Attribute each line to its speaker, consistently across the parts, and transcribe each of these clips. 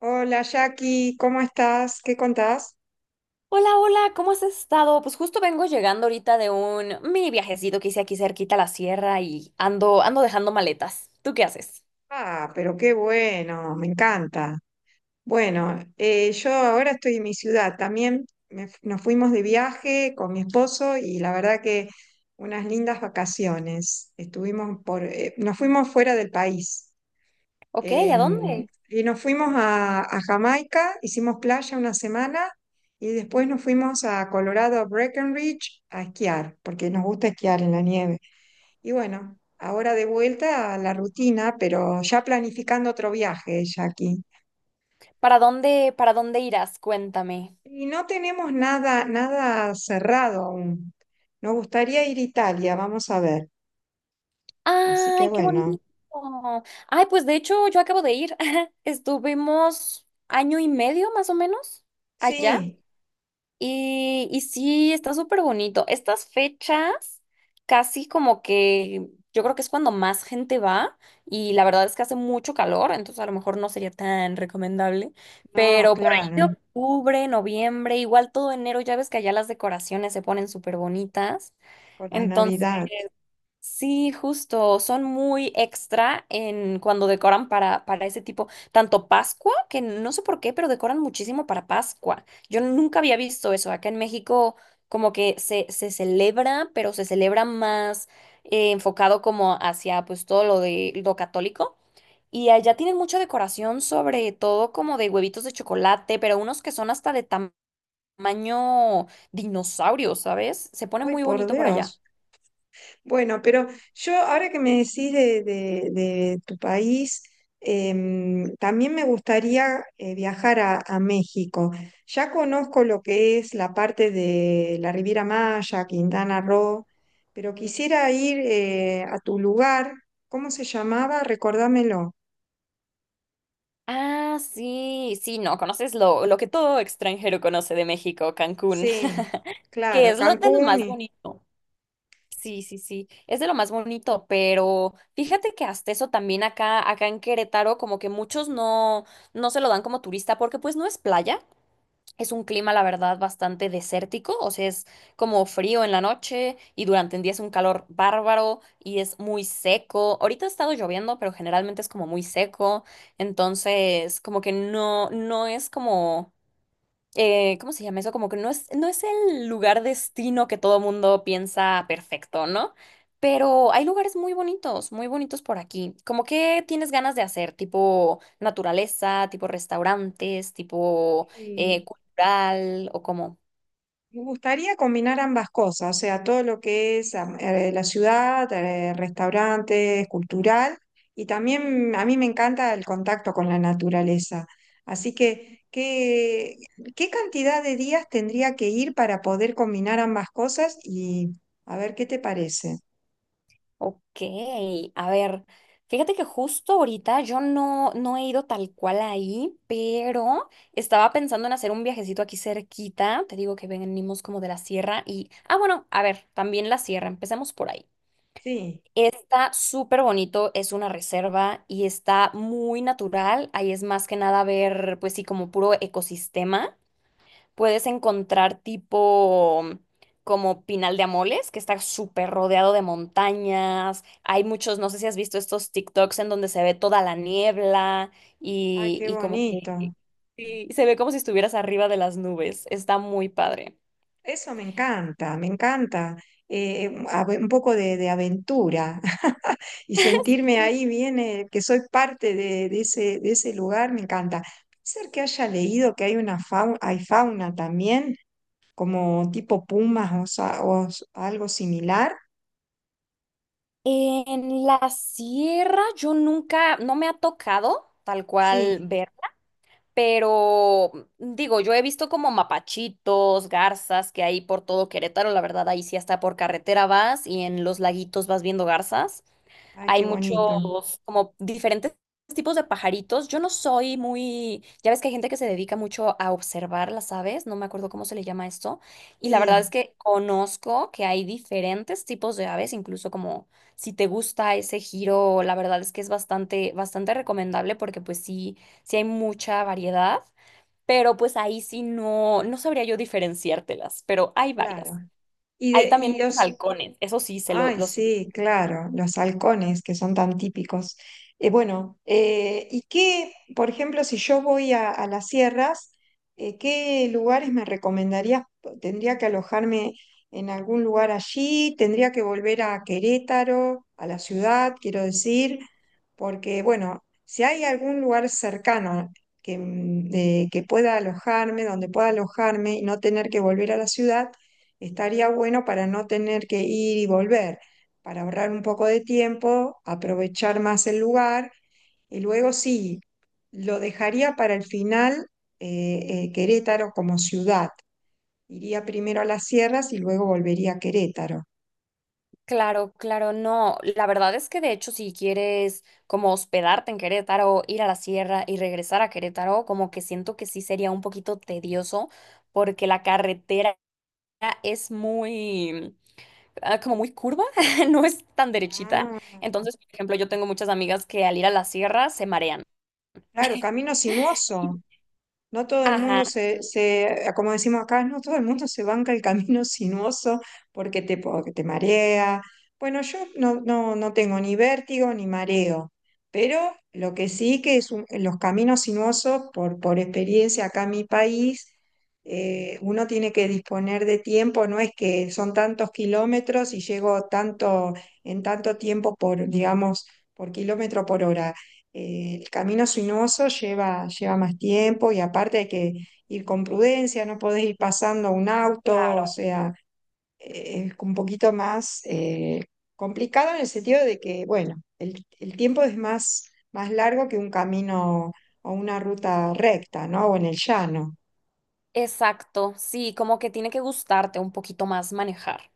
Speaker 1: Hola Jackie, ¿cómo estás? ¿Qué contás?
Speaker 2: Hola, hola, ¿cómo has estado? Pues justo vengo llegando ahorita de un mini viajecito que hice aquí cerquita a la sierra y ando dejando maletas. ¿Tú qué haces?
Speaker 1: Ah, pero qué bueno, me encanta. Bueno, yo ahora estoy en mi ciudad también. Nos fuimos de viaje con mi esposo y la verdad que unas lindas vacaciones. Estuvimos nos fuimos fuera del país.
Speaker 2: Ok, ¿a
Speaker 1: Em,
Speaker 2: dónde?
Speaker 1: y nos fuimos a Jamaica, hicimos playa una semana y después nos fuimos a Colorado, a Breckenridge, a esquiar, porque nos gusta esquiar en la nieve. Y bueno, ahora de vuelta a la rutina, pero ya planificando otro viaje, Jackie.
Speaker 2: ¿Para dónde, para dónde irás? Cuéntame.
Speaker 1: Y no tenemos nada, nada cerrado aún. Nos gustaría ir a Italia, vamos a ver. Así que
Speaker 2: Ay, qué
Speaker 1: bueno,
Speaker 2: bonito. Ay, pues de hecho yo acabo de ir. Estuvimos año y medio más o menos allá.
Speaker 1: sí,
Speaker 2: Y sí, está súper bonito. Estas fechas, casi como que yo creo que es cuando más gente va y la verdad es que hace mucho calor, entonces a lo mejor no sería tan recomendable,
Speaker 1: no,
Speaker 2: pero por ahí
Speaker 1: claro,
Speaker 2: de octubre, noviembre, igual todo enero, ya ves que allá las decoraciones se ponen súper bonitas.
Speaker 1: con la Navidad.
Speaker 2: Sí, justo, son muy extra en cuando decoran para ese tipo, tanto Pascua, que no sé por qué, pero decoran muchísimo para Pascua. Yo nunca había visto eso. Acá en México como que se celebra, pero se celebra más enfocado como hacia pues todo lo de lo católico. Y allá tienen mucha decoración, sobre todo como de huevitos de chocolate, pero unos que son hasta de tamaño dinosaurio, ¿sabes? Se pone
Speaker 1: Ay,
Speaker 2: muy
Speaker 1: por
Speaker 2: bonito por allá.
Speaker 1: Dios. Bueno, pero yo ahora que me decís de tu país, también me gustaría viajar a México. Ya conozco lo que es la parte de la Riviera Maya, Quintana Roo, pero quisiera ir a tu lugar. ¿Cómo se llamaba? Recordámelo.
Speaker 2: Ah, sí, sí, no, conoces lo que todo extranjero conoce de México, Cancún,
Speaker 1: Sí,
Speaker 2: que
Speaker 1: claro,
Speaker 2: es lo de lo más
Speaker 1: Cancún
Speaker 2: bonito. Sí, sí, sí, es de lo más bonito, pero fíjate que hasta eso también acá en Querétaro, como que muchos no, no se lo dan como turista porque pues no es playa. Es un clima, la verdad, bastante desértico, o sea, es como frío en la noche y durante el día es un calor bárbaro y es muy seco. Ahorita ha estado lloviendo, pero generalmente es como muy seco, entonces como que no, no es como ¿cómo se llama eso? Como que no es, no es el lugar destino que todo mundo piensa perfecto, ¿no? Pero hay lugares muy bonitos por aquí. ¿Cómo que tienes ganas de hacer? Tipo naturaleza, tipo restaurantes, tipo
Speaker 1: y,
Speaker 2: cultural o cómo.
Speaker 1: Me gustaría combinar ambas cosas, o sea, todo lo que es la ciudad, restaurantes, cultural, y también a mí me encanta el contacto con la naturaleza. Así que ¿qué cantidad de días tendría que ir para poder combinar ambas cosas? Y a ver, ¿qué te parece?
Speaker 2: Ok, a ver, fíjate que justo ahorita yo no, no he ido tal cual ahí, pero estaba pensando en hacer un viajecito aquí cerquita. Te digo que venimos como de la sierra y, ah, bueno, a ver, también la sierra, empecemos por ahí.
Speaker 1: Sí,
Speaker 2: Está súper bonito, es una reserva y está muy natural. Ahí es más que nada ver, pues sí, como puro ecosistema. Puedes encontrar tipo como Pinal de Amoles, que está súper rodeado de montañas. Hay muchos, no sé si has visto estos TikToks en donde se ve toda la niebla
Speaker 1: ay,
Speaker 2: y,
Speaker 1: qué
Speaker 2: y como que
Speaker 1: bonito.
Speaker 2: y se ve como si estuvieras arriba de las nubes. Está muy padre.
Speaker 1: Eso me encanta, me encanta. Un poco de aventura. Y sentirme ahí bien, que soy parte de ese lugar, me encanta. Ser que haya leído que hay una fauna, hay fauna también, como tipo pumas o algo similar.
Speaker 2: En la sierra yo nunca, no me ha tocado tal cual
Speaker 1: Sí,
Speaker 2: ver. Pero digo, yo he visto como mapachitos, garzas que hay por todo Querétaro, la verdad, ahí sí hasta por carretera vas y en los laguitos vas viendo garzas.
Speaker 1: ay,
Speaker 2: Hay
Speaker 1: qué
Speaker 2: muchos,
Speaker 1: bonito.
Speaker 2: como diferentes tipos de pajaritos. Yo no soy muy, ya ves que hay gente que se dedica mucho a observar las aves, no me acuerdo cómo se le llama esto. Y la verdad es
Speaker 1: Sí,
Speaker 2: que conozco que hay diferentes tipos de aves, incluso como si te gusta ese giro, la verdad es que es bastante, bastante recomendable porque pues sí, sí hay mucha variedad, pero pues ahí sí no, no sabría yo diferenciártelas, pero hay
Speaker 1: claro.
Speaker 2: varias.
Speaker 1: Y
Speaker 2: Hay
Speaker 1: de,
Speaker 2: también
Speaker 1: y
Speaker 2: muchos
Speaker 1: los,
Speaker 2: halcones, eso sí, se lo,
Speaker 1: Ay,
Speaker 2: los.
Speaker 1: sí, claro, los halcones que son tan típicos. Bueno, ¿y qué, por ejemplo, si yo voy a las sierras, qué lugares me recomendarías? ¿Tendría que alojarme en algún lugar allí? ¿Tendría que volver a Querétaro, a la ciudad, quiero decir? Porque, bueno, si hay algún lugar cercano que pueda alojarme, donde pueda alojarme y no tener que volver a la ciudad, estaría bueno para no tener que ir y volver, para ahorrar un poco de tiempo, aprovechar más el lugar, y luego sí, lo dejaría para el final, Querétaro como ciudad. Iría primero a las sierras y luego volvería a Querétaro.
Speaker 2: Claro, claro, no. La verdad es que de hecho si quieres como hospedarte en Querétaro, ir a la sierra y regresar a Querétaro, como que siento que sí sería un poquito tedioso porque la carretera es muy, como muy curva, no es tan derechita.
Speaker 1: Ah,
Speaker 2: Entonces, por ejemplo, yo tengo muchas amigas que al ir a la sierra se marean.
Speaker 1: claro, camino sinuoso. No todo el
Speaker 2: Ajá,
Speaker 1: mundo, como decimos acá, no todo el mundo se banca el camino sinuoso, porque te marea. Bueno, yo no tengo ni vértigo ni mareo, pero lo que sí, que los caminos sinuosos, por experiencia acá en mi país, uno tiene que disponer de tiempo. No es que son tantos kilómetros y llego tanto, en tanto tiempo por, digamos, por kilómetro por hora. El camino sinuoso lleva más tiempo, y aparte hay que ir con prudencia, no podés ir pasando un auto, o
Speaker 2: claro.
Speaker 1: sea, es un poquito más complicado en el sentido de que, bueno, el tiempo es más largo que un camino o una ruta recta, ¿no? O en el llano.
Speaker 2: Exacto, sí, como que tiene que gustarte un poquito más manejar.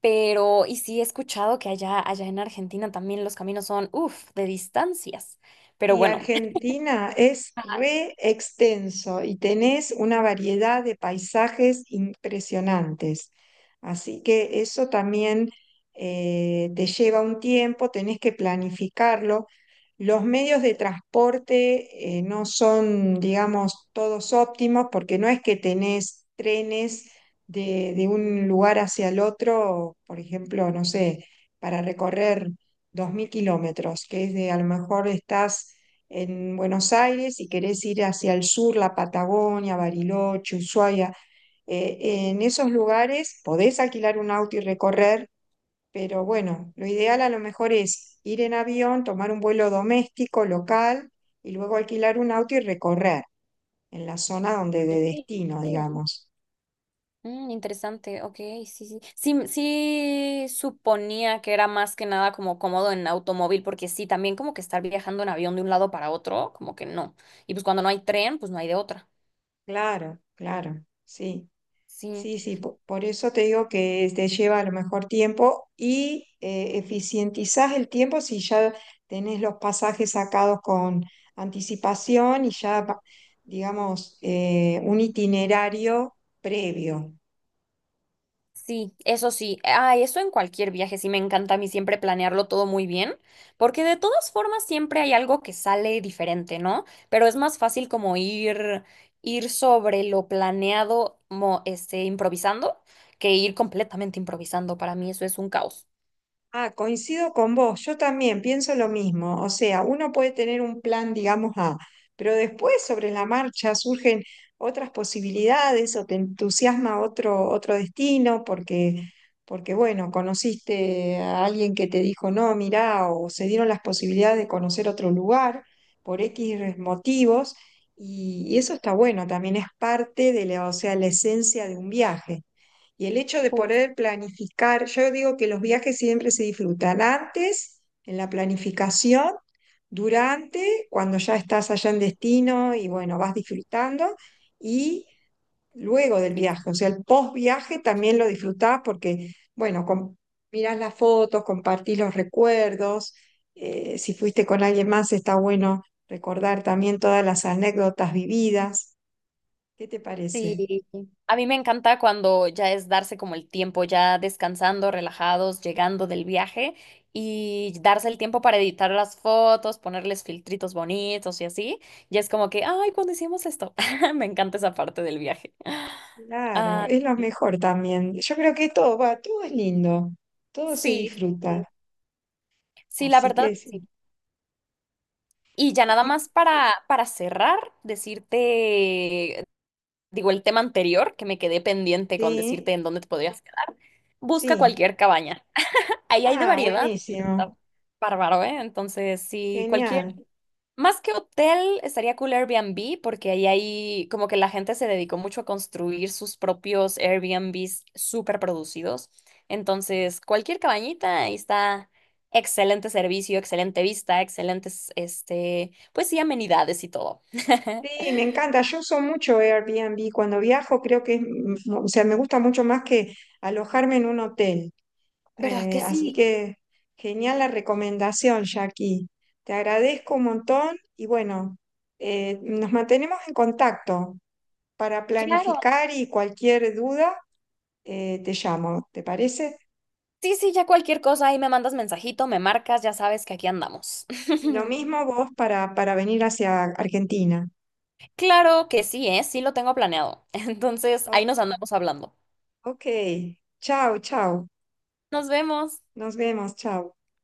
Speaker 2: Pero, y sí he escuchado que allá, allá en Argentina también los caminos son, uff, de distancias. Pero
Speaker 1: Y
Speaker 2: bueno,
Speaker 1: Argentina es re extenso y tenés una variedad de paisajes impresionantes. Así que eso también te lleva un tiempo, tenés que planificarlo. Los medios de transporte no son, digamos, todos óptimos, porque no es que tenés trenes de un lugar hacia el otro, por ejemplo, no sé, para recorrer 2.000 kilómetros, que es de a lo mejor estás en Buenos Aires y querés ir hacia el sur, la Patagonia, Bariloche, Ushuaia. En esos lugares podés alquilar un auto y recorrer, pero bueno, lo ideal a lo mejor es ir en avión, tomar un vuelo doméstico, local, y luego alquilar un auto y recorrer en la zona donde de
Speaker 2: sí.
Speaker 1: destino, digamos.
Speaker 2: Interesante, ok, sí, sí. Sí, sí suponía que era más que nada como cómodo en automóvil, porque sí, también como que estar viajando en avión de un lado para otro, como que no. Y pues cuando no hay tren, pues no hay de otra.
Speaker 1: Claro, claro, sí.
Speaker 2: Sí.
Speaker 1: Sí, sí, eso te digo que te lleva a lo mejor tiempo, y eficientizás el tiempo si ya tenés los pasajes sacados con anticipación y ya, digamos, un itinerario previo.
Speaker 2: Sí, eso sí. Ay, eso en cualquier viaje sí me encanta a mí siempre planearlo todo muy bien, porque de todas formas siempre hay algo que sale diferente, ¿no? Pero es más fácil como ir sobre lo planeado, este, improvisando, que ir completamente improvisando. Para mí eso es un caos.
Speaker 1: Ah, coincido con vos, yo también pienso lo mismo, o sea, uno puede tener un plan, digamos, A, pero después sobre la marcha surgen otras posibilidades, o te entusiasma otro destino, bueno, conociste a alguien que te dijo, no, mirá, o se dieron las posibilidades de conocer otro lugar por X motivos, y eso está bueno, también es parte de o sea, la esencia de un viaje. Y el hecho de
Speaker 2: Justo.
Speaker 1: poder planificar, yo digo que los viajes siempre se disfrutan antes, en la planificación, durante, cuando ya estás allá en destino y bueno, vas disfrutando, y luego del viaje, o sea, el post viaje también lo disfrutás porque, bueno, mirás las fotos, compartís los recuerdos, si fuiste con alguien más está bueno recordar también todas las anécdotas vividas. ¿Qué te
Speaker 2: Sí,
Speaker 1: parece?
Speaker 2: a mí me encanta cuando ya es darse como el tiempo, ya descansando, relajados, llegando del viaje y darse el tiempo para editar las fotos, ponerles filtritos bonitos y así. Y es como que, ay, cuando hicimos esto? Me encanta esa parte del viaje.
Speaker 1: Claro,
Speaker 2: Ah,
Speaker 1: es lo mejor también. Yo creo que todo es lindo, todo se
Speaker 2: sí, sí,
Speaker 1: disfruta.
Speaker 2: sí, la
Speaker 1: Así
Speaker 2: verdad,
Speaker 1: que sí.
Speaker 2: sí. Y ya nada
Speaker 1: Y-
Speaker 2: más para cerrar, decirte, digo, el tema anterior que me quedé pendiente con
Speaker 1: sí,
Speaker 2: decirte en dónde te podrías quedar. Busca
Speaker 1: sí.
Speaker 2: cualquier cabaña. Ahí hay de
Speaker 1: Ah,
Speaker 2: variedad, la
Speaker 1: buenísimo,
Speaker 2: verdad, bárbaro, ¿eh? Entonces, sí, cualquier,
Speaker 1: genial.
Speaker 2: más que hotel, estaría cool Airbnb, porque ahí hay, como que la gente se dedicó mucho a construir sus propios Airbnbs súper producidos. Entonces, cualquier cabañita, ahí está excelente servicio, excelente vista, excelentes, este, pues sí, amenidades y todo.
Speaker 1: Sí, me encanta. Yo uso mucho Airbnb. Cuando viajo creo que es, o sea, me gusta mucho más que alojarme en un hotel.
Speaker 2: ¿Verdad que
Speaker 1: Así
Speaker 2: sí?
Speaker 1: que genial la recomendación, Jackie. Te agradezco un montón y bueno, nos mantenemos en contacto para
Speaker 2: Claro.
Speaker 1: planificar, y cualquier duda, te llamo, ¿te parece?
Speaker 2: Sí, sí, ya cualquier cosa, ahí me mandas mensajito, me marcas, ya sabes que aquí andamos.
Speaker 1: Y lo mismo vos, para venir hacia Argentina.
Speaker 2: Claro que sí, ¿eh? Sí lo tengo planeado. Entonces,
Speaker 1: O-
Speaker 2: ahí nos andamos hablando.
Speaker 1: ok, chao, chao.
Speaker 2: Nos vemos.
Speaker 1: Nos vemos, chao.